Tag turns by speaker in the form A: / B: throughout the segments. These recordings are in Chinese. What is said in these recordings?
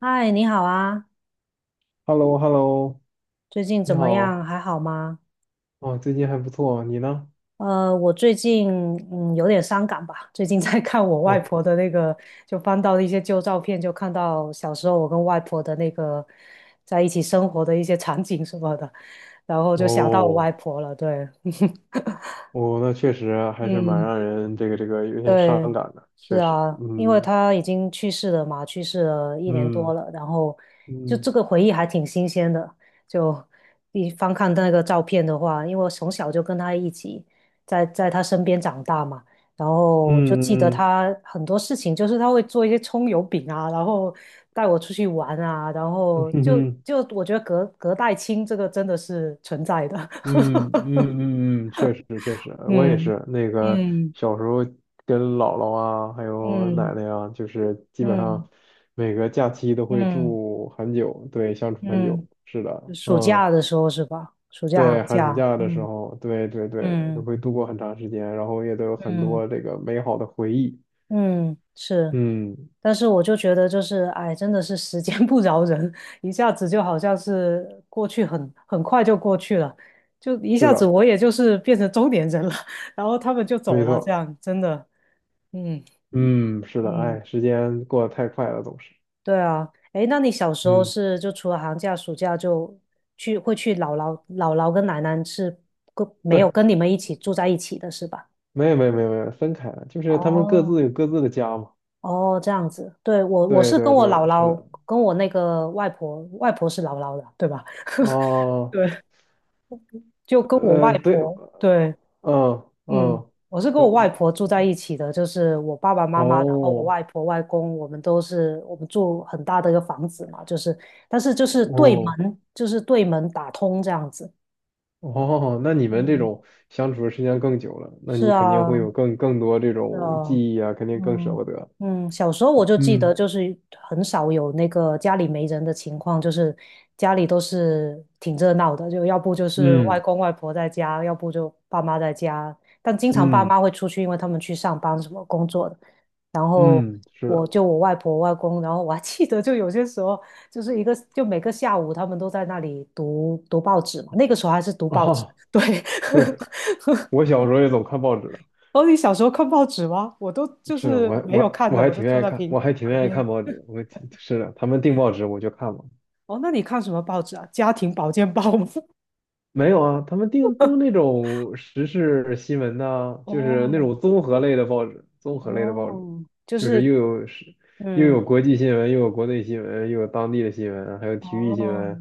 A: 嗨，你好啊，
B: h e l l o h e l l o
A: 最近怎
B: 你
A: 么
B: 好，
A: 样？还好吗？
B: 哦，最近还不错，你呢？
A: 我最近有点伤感吧，最近在看我外
B: 哦，
A: 婆的那个，就翻到一些旧照片，就看到小时候我跟外婆的那个在一起生活的一些场景什么的，然后就想到我
B: 哦，
A: 外婆了，对，
B: 哦，那确实还是蛮
A: 嗯。
B: 让人这个有点伤
A: 对，
B: 感的，
A: 是
B: 确实，
A: 啊，因为
B: 嗯
A: 他已经去世了嘛，去世了一年多
B: 嗯
A: 了，然后就
B: 嗯
A: 这个回忆还挺新鲜的。就一翻看那个照片的话，因为我从小就跟他一起在他身边长大嘛，然后就记得
B: 嗯嗯嗯
A: 他很多事情，就是他会做一些葱油饼啊，然后带我出去玩啊，然
B: 嗯
A: 后
B: 嗯
A: 我觉得隔代亲这个真的是存在的，
B: 嗯嗯，嗯嗯确实确实，我也是那个
A: 嗯
B: 小时候跟姥姥啊，还有奶
A: 嗯
B: 奶啊，就是基本
A: 嗯
B: 上每个假期都
A: 嗯
B: 会
A: 嗯嗯。
B: 住很久，对，相处很
A: 嗯
B: 久，是的，
A: 暑
B: 嗯。
A: 假的时候是吧？暑假
B: 对，
A: 寒
B: 寒暑
A: 假，
B: 假的时
A: 嗯
B: 候，对对对，都
A: 嗯
B: 会度过很长时间，然后也都有很
A: 嗯
B: 多这个美好的回忆。
A: 嗯，是。
B: 嗯，
A: 但是我就觉得，就是哎，真的是时间不饶人，一下子就好像是过去很快就过去了，就一
B: 是
A: 下子
B: 的，
A: 我也就是变成中年人了，然后他们就走
B: 没
A: 了，这
B: 错。
A: 样真的，嗯
B: 嗯，是的，
A: 嗯，
B: 哎，时间过得太快了，总是。
A: 对啊。哎，那你小时候
B: 嗯，
A: 是就除了寒假、暑假就去会去姥姥跟奶奶是跟没有
B: 对，
A: 跟你们一起住在一起的是吧？
B: 没有没有没有没有，分开了，就是他们各自
A: 哦，
B: 有各自的家嘛。
A: 哦，这样子，对，我
B: 对
A: 是跟
B: 对
A: 我姥
B: 对，是
A: 姥，
B: 的。
A: 跟我那个外婆，外婆是姥姥的，对吧？
B: 哦，
A: 对，就跟我外
B: 对，
A: 婆，对，
B: 嗯
A: 嗯，
B: 嗯，
A: 我是跟我
B: 呃
A: 外婆住在一起的，就是我爸爸妈妈，然后我
B: 哦
A: 外婆外公，我们都是我们住很大的一个房子嘛，就是，但是就是对
B: 哦，
A: 门，就是对门打通这样子。
B: 哦，那你们这
A: 嗯，
B: 种相处的时间更久了，那
A: 是
B: 你肯定会
A: 啊，
B: 有更多这
A: 是
B: 种
A: 啊，
B: 记忆啊，肯定更舍
A: 嗯
B: 不得。
A: 嗯，小时候我就记得，
B: 嗯
A: 就是很少有那个家里没人的情况，就是家里都是挺热闹的，就要不就是外
B: 嗯
A: 公外婆在家，要不就爸妈在家，但经常爸
B: 嗯
A: 妈会出去，因为他们去上班什么工作的。然后
B: 嗯，是
A: 我
B: 的。
A: 就我外婆外公，然后我还记得，就有些时候就是一个就每个下午他们都在那里读报纸嘛，那个时候还是读报纸，
B: 哦，
A: 对，
B: 对，我小时候也总看报纸的，
A: 哦，你小时候看报纸吗？我都就
B: 是的，
A: 是
B: 我还
A: 没
B: 我
A: 有
B: 还
A: 看
B: 我
A: 的，
B: 还
A: 我就
B: 挺
A: 坐
B: 愿意
A: 在
B: 看，
A: 屏
B: 我还挺
A: 旁
B: 愿意
A: 边。
B: 看报纸。我挺是的，他们订报纸我就看嘛。
A: 哦，那你看什么报纸啊？家庭保健报吗？
B: 没有啊，他们订都那种时事新闻呐、就是那
A: 哦
B: 种综合类的报纸，综合类的报纸，
A: 哦，就
B: 就是
A: 是
B: 又有时又有
A: 嗯，
B: 国际新闻，又有国内新闻，又有当地的新闻，还有体育新
A: 哦
B: 闻，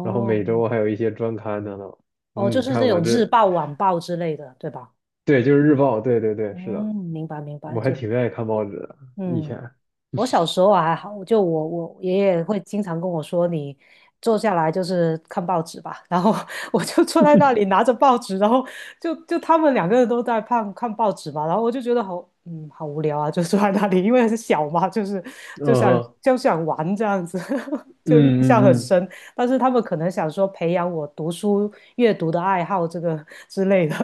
B: 然后每周还有一些专刊等等。
A: 哦，就
B: 嗯，
A: 是那
B: 看我
A: 种日
B: 这，
A: 报、晚报之类的，对吧？
B: 对，就是日报，对对对，是的，
A: 嗯，明白明白，
B: 我还
A: 这
B: 挺愿意看报纸的，以
A: 嗯。
B: 前，
A: 我小时候还好，就我爷爷会经常跟我说，你坐下来就是看报纸吧。然后 我就坐在那里拿着报纸，然后他们两个人都在看看报纸嘛，然后我就觉得好好无聊啊，就坐在那里，因为是小嘛，就是
B: 嗯
A: 就想
B: 哼，
A: 就想玩这样子，
B: 嗯
A: 就印象很
B: 嗯
A: 深。
B: 嗯
A: 嗯但是他们可能想说培养我读书阅读的爱好这个之类的，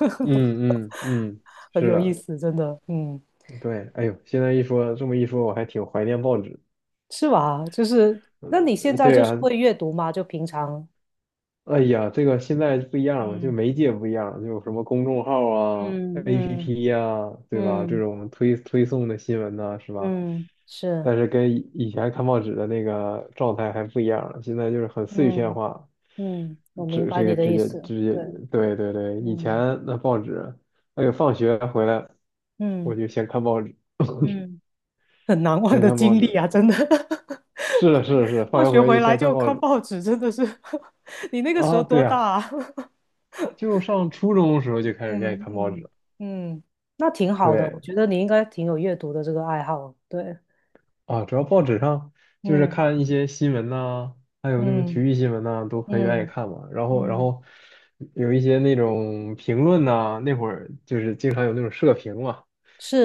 B: 嗯嗯嗯，
A: 很
B: 是
A: 有意
B: 的，
A: 思，真的，嗯。
B: 对，哎呦，现在一说这么一说，我还挺怀念报纸。
A: 是吧？就是，那你现
B: 呃，
A: 在
B: 对
A: 就是
B: 啊，
A: 会阅读吗？就平常，
B: 哎呀，这个现在不一样了，就
A: 嗯
B: 媒介不一样了，就有什么公众号啊、
A: 嗯嗯
B: APP 呀、对吧？这
A: 嗯
B: 种推送的新闻呐、是吧？
A: 嗯，是，
B: 但是跟以前看报纸的那个状态还不一样了，现在就是很碎片
A: 嗯
B: 化，
A: 嗯，我明
B: 这
A: 白
B: 这
A: 你
B: 个
A: 的
B: 直
A: 意
B: 接
A: 思，
B: 直接，
A: 对，
B: 对对对，以前
A: 嗯
B: 那报纸，哎呦，放学回来我
A: 嗯
B: 就先看报纸，
A: 嗯，很难忘
B: 先
A: 的
B: 看
A: 经
B: 报
A: 历
B: 纸，
A: 啊，真的。
B: 是的，
A: 回
B: 是的，是的，放
A: 放
B: 学
A: 学
B: 回来就
A: 回来
B: 先看
A: 就
B: 报纸
A: 看报纸，真的是。你那个时
B: 啊，
A: 候
B: 对
A: 多大
B: 啊，
A: 啊？
B: 就上初中的时候就开始愿意
A: 嗯
B: 看报纸
A: 嗯
B: 了
A: 嗯，那挺好的，
B: 对。
A: 我觉得你应该挺有阅读的这个爱好，对，
B: 啊，主要报纸上就是
A: 嗯
B: 看一些新闻呐、还有那种体
A: 嗯
B: 育新闻呐、都很愿意
A: 嗯。
B: 看嘛。然后，然
A: 嗯，
B: 后有一些那种评论呐、那会儿就是经常有那种社评嘛。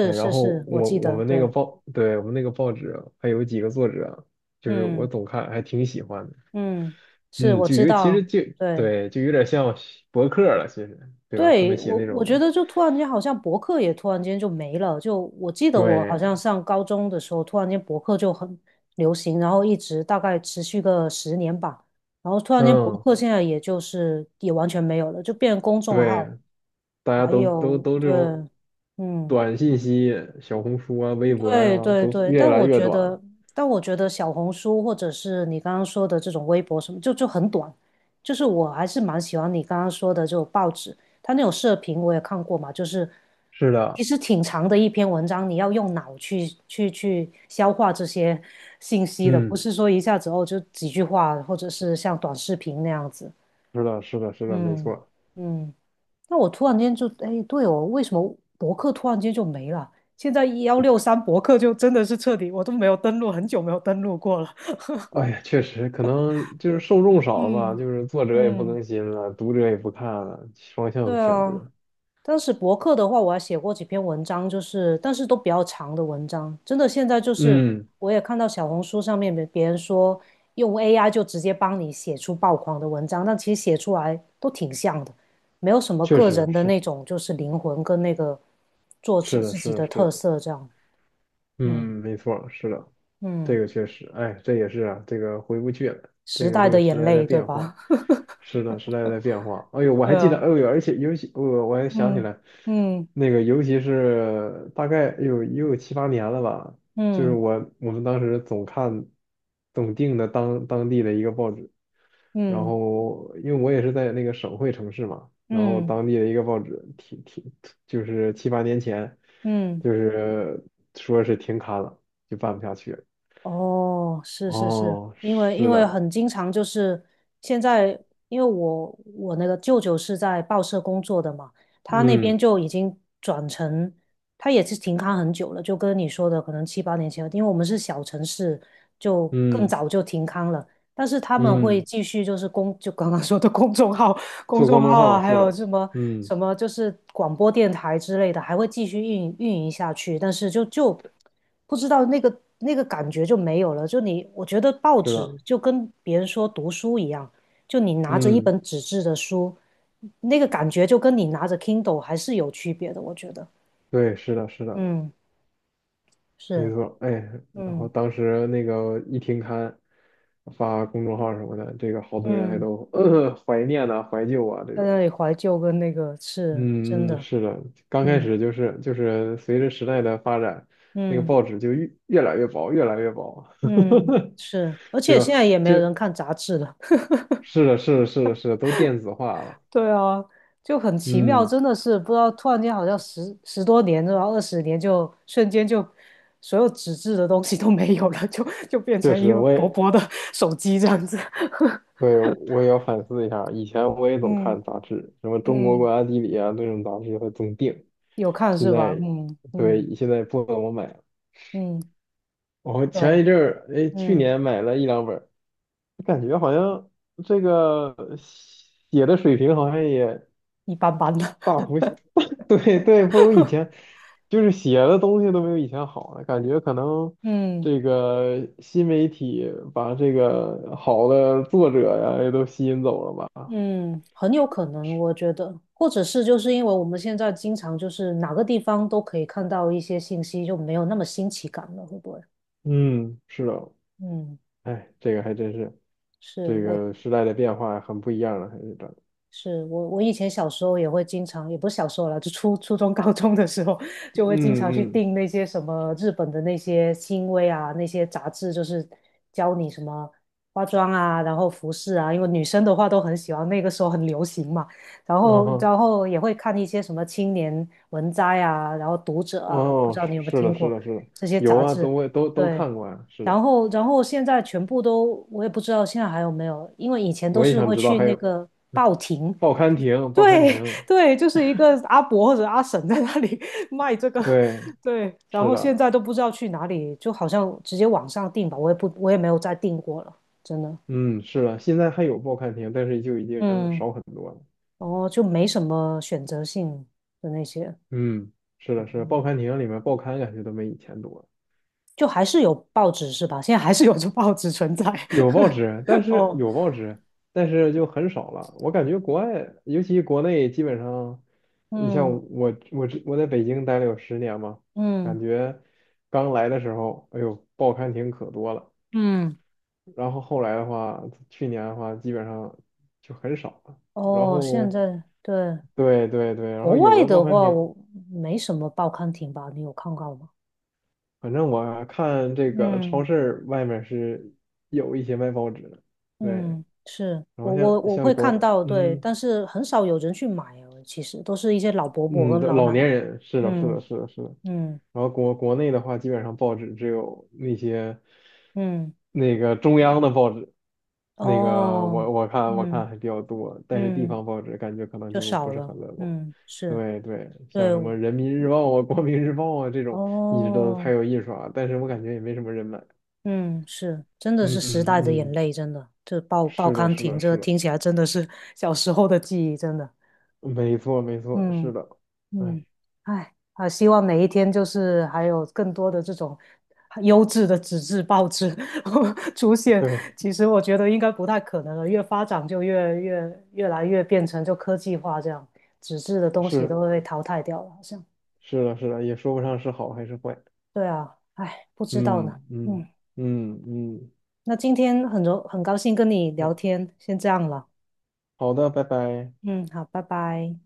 B: 哎，然
A: 是
B: 后
A: 是，我
B: 我
A: 记
B: 我
A: 得，
B: 们那个
A: 对，
B: 报，对，我们那个报纸还有几个作者，就是我
A: 嗯
B: 总看，还挺喜欢的。
A: 嗯，是
B: 嗯，
A: 我
B: 就
A: 知
B: 有其实
A: 道，
B: 就
A: 对，
B: 对，就有点像博客了，其实对吧？他们
A: 对，
B: 写
A: 我
B: 那
A: 我觉
B: 种
A: 得就突然间好像博客也突然间就没了，就我记得我好
B: 对，
A: 像上高中的时候，突然间博客就很流行，然后一直大概持续个十年吧，然后突然间博
B: 嗯，
A: 客现在也就是也完全没有了，就变成公众号，
B: 对，大家
A: 还
B: 都都
A: 有
B: 都这
A: 对，
B: 种
A: 嗯。
B: 短信息，小红书啊、微博
A: 对
B: 啊，
A: 对
B: 都
A: 对，
B: 越
A: 但
B: 来
A: 我
B: 越
A: 觉
B: 短了。
A: 得，但我觉得小红书或者是你刚刚说的这种微博什么，就很短。就是我还是蛮喜欢你刚刚说的这种报纸，它那种社评我也看过嘛，就是
B: 是
A: 其
B: 的，
A: 实挺长的一篇文章，你要用脑去消化这些 信息的，不
B: 嗯，
A: 是说一下子哦就几句话，或者是像短视频那样子。
B: 是的，是的，是的，没
A: 嗯
B: 错。
A: 嗯。那我突然间就，哎，对哦，为什么博客突然间就没了？现在163博客就真的是彻底，我都没有登录，很久没有登录过了。
B: 哎呀，确实，可能就是受众少了吧，
A: 嗯
B: 就是作者也不
A: 嗯
B: 更新了，读者也不看了，双
A: 对
B: 向选
A: 啊，
B: 择。
A: 当时博客的话，我还写过几篇文章，就是但是都比较长的文章。真的，现在就是
B: 嗯，
A: 我也看到小红书上面别人说用 AI 就直接帮你写出爆款的文章，但其实写出来都挺像的，没有什么
B: 确
A: 个
B: 实
A: 人的
B: 是，
A: 那种就是灵魂跟那个作
B: 是
A: 者
B: 的，
A: 自
B: 是
A: 己
B: 的，
A: 的
B: 是
A: 特
B: 的，
A: 色这样。嗯
B: 嗯，没错，是的。这
A: 嗯，
B: 个确实，哎，这也是啊，这个回不去了，这
A: 时
B: 个
A: 代
B: 这个
A: 的眼
B: 时代在
A: 泪，对
B: 变化，
A: 吧？
B: 是的，时代在变化。哎呦，我
A: 对
B: 还记得，
A: 啊，
B: 哎呦，而且尤其我还想起
A: 嗯
B: 来，
A: 嗯
B: 那个尤其是大概有也有七八年了吧，就是
A: 嗯
B: 我们当时总看总订的当地的一个报纸，然
A: 嗯
B: 后因为我也是在那个省会城市嘛，然后
A: 嗯
B: 当地的一个报纸挺就是七八年前，
A: 嗯，
B: 就是说是停刊了，就办不下去了。
A: 哦，是是是，
B: 哦，
A: 因为因
B: 是
A: 为
B: 的，
A: 很经常就是现在，因为我那个舅舅是在报社工作的嘛，他那边
B: 嗯
A: 就已经转成，他也是停刊很久了，就跟你说的可能7、8年前，因为我们是小城市，就更
B: 嗯
A: 早就停刊了。但是他们会
B: 嗯，
A: 继续就是公，就刚刚说的公众号、公
B: 做公
A: 众
B: 众
A: 号
B: 号
A: 啊，还
B: 是
A: 有
B: 的，
A: 什么
B: 嗯
A: 什么就是广播电台之类的，还会继续运营下去。但是不知道那个感觉就没有了。就你，我觉得报
B: 是
A: 纸
B: 的，
A: 就跟别人说读书一样，就你拿着一
B: 嗯
A: 本纸质的书，那个感觉就跟你拿着 Kindle 还是有区别的。我觉得，
B: 对，是的是的，
A: 嗯，
B: 没
A: 是，
B: 错，哎，然后
A: 嗯
B: 当时那个一停刊发公众号什么的，这个好多人还
A: 嗯，
B: 都、怀念呢，怀旧啊这
A: 在那
B: 种，
A: 里怀旧跟那个是真
B: 嗯嗯，
A: 的，
B: 是的，刚开
A: 嗯
B: 始就是就是随着时代的发展，那个
A: 嗯。
B: 报纸就越来越薄，越来越薄，
A: 嗯，是，而
B: 对
A: 且
B: 吧？
A: 现在也没有人看杂志了。
B: 是的是的是的是的，都电子化了，
A: 对啊，就很奇妙，
B: 嗯，
A: 真的是不知道，突然间好像十多年，然后20年就瞬间就所有纸质的东西都没有了，就变
B: 确
A: 成一
B: 实
A: 个
B: 我
A: 薄
B: 也。
A: 薄的 手机这样子。
B: 对，我也要反思一下。以前我也总
A: 嗯
B: 看杂志，什么《中国国
A: 嗯，
B: 家地理》啊，那种杂志会总订。
A: 有看
B: 现
A: 是吧？
B: 在，
A: 嗯嗯
B: 对，现在不怎么买了。
A: 嗯，
B: 我
A: 对，
B: 前一阵儿，哎，去
A: 嗯，
B: 年买了一两本儿，感觉好像这个写的水平好像也
A: 一般般的。
B: 大 幅，对对，不如以前，就是写的东西都没有以前好了。感觉可能
A: 嗯。
B: 这个新媒体把这个好的作者呀也都吸引走了吧。
A: 嗯，很有可能，我觉得，或者是就是因为我们现在经常就是哪个地方都可以看到一些信息，就没有那么新奇感了，会不会？
B: 嗯，是的，
A: 嗯，
B: 哎，这个还真是，
A: 是
B: 这
A: 我
B: 个时代的变化很不一样了，还是这，
A: 是我，我以前小时候也会经常，也不是小时候了，就初中、高中的时候，就会经常去
B: 嗯嗯，
A: 订那些什么日本的那些新威啊，那些杂志，就是教你什么化妆啊，然后服饰啊，因为女生的话都很喜欢，那个时候很流行嘛。然
B: 嗯
A: 后，
B: 哼，
A: 然后也会看一些什么青年文摘啊，然后读者啊，不
B: 哦，
A: 知道你有没有
B: 是
A: 听
B: 的，是
A: 过
B: 的，是的，
A: 这些
B: 有
A: 杂
B: 啊，
A: 志？
B: 都会都都
A: 对。
B: 看过啊，是
A: 然
B: 的，
A: 后，然后现在全部都，我也不知道现在还有没有，因为以前都
B: 我也
A: 是
B: 想
A: 会
B: 知道，
A: 去
B: 还
A: 那
B: 有
A: 个报亭，
B: 报刊亭，报刊
A: 对
B: 亭，
A: 对，就是一个阿伯或者阿婶在那里 卖这个，
B: 对，
A: 对，然
B: 是
A: 后现
B: 的，
A: 在都不知道去哪里，就好像直接网上订吧，我也不，我也没有再订过了，真的，
B: 嗯，是的，现在还有报刊亭，但是就已经
A: 嗯，
B: 少很多了，
A: 哦，就没什么选择性的那些，
B: 嗯，是的，是的，报刊亭里面报刊感觉都没以前多了。
A: 就还是有报纸是吧？现在还是有这报纸存在，
B: 有报纸，但 是
A: 哦，
B: 有报纸，但是就很少了。我感觉国外，尤其国内，基本上，你像
A: 嗯
B: 我，我在北京待了有10年嘛，感
A: 嗯
B: 觉刚来的时候，哎呦，报刊亭可多了。
A: 嗯，
B: 然后后来的话，去年的话，基本上就很少了。然
A: 哦，
B: 后，
A: 现在对
B: 对对对，然后
A: 国
B: 有
A: 外
B: 的报
A: 的
B: 刊
A: 话，
B: 亭，
A: 我没什么报刊亭吧？你有看到吗？
B: 反正我看这个超
A: 嗯。
B: 市外面是有一些卖报纸的，对。
A: 嗯，是
B: 然后
A: 我我
B: 像
A: 我
B: 像
A: 会看
B: 国，
A: 到，对，
B: 嗯。
A: 但是很少有人去买哦，其实都是一些老伯伯
B: 嗯，
A: 跟
B: 的
A: 老
B: 老
A: 奶奶。
B: 年人是的，是的，
A: 嗯
B: 是的，是的。
A: 嗯
B: 然后国内的话，基本上报纸只有那些
A: 嗯，
B: 那个中央的报纸，那个
A: 哦，
B: 我看
A: 嗯
B: 还比较多，但是地
A: 嗯，
B: 方报纸感觉可能
A: 就
B: 就不
A: 少
B: 是
A: 了。
B: 很乐观。
A: 嗯，是，
B: 对对，
A: 对，
B: 像什么人民日报啊、光明日报啊这种，一直都还
A: 哦，
B: 有印刷，但是我感觉也没什么人买。
A: 嗯，是，真的
B: 嗯
A: 是时代的
B: 嗯
A: 眼
B: 嗯，
A: 泪，真的，这报报
B: 是的，
A: 刊
B: 是
A: 亭，
B: 的，
A: 这
B: 是的，
A: 听起来真的是小时候的记忆，真的。
B: 没错没错，
A: 嗯。
B: 是的，
A: 嗯，
B: 哎，
A: 哎，啊，希望每一天就是还有更多的这种优质的纸质报纸 出现。
B: 对，
A: 其实我觉得应该不太可能了，越发展就越来越变成就科技化这样，纸质的东西
B: 是
A: 都会被淘汰掉了，好像。
B: 是的，是的，也说不上是好还是坏。
A: 对啊，哎，不知道
B: 嗯
A: 呢。
B: 嗯
A: 嗯，
B: 嗯嗯，
A: 那今天很高兴跟你聊
B: 嗯
A: 天，先这样了。
B: 好的，拜拜。
A: 嗯，好，拜拜。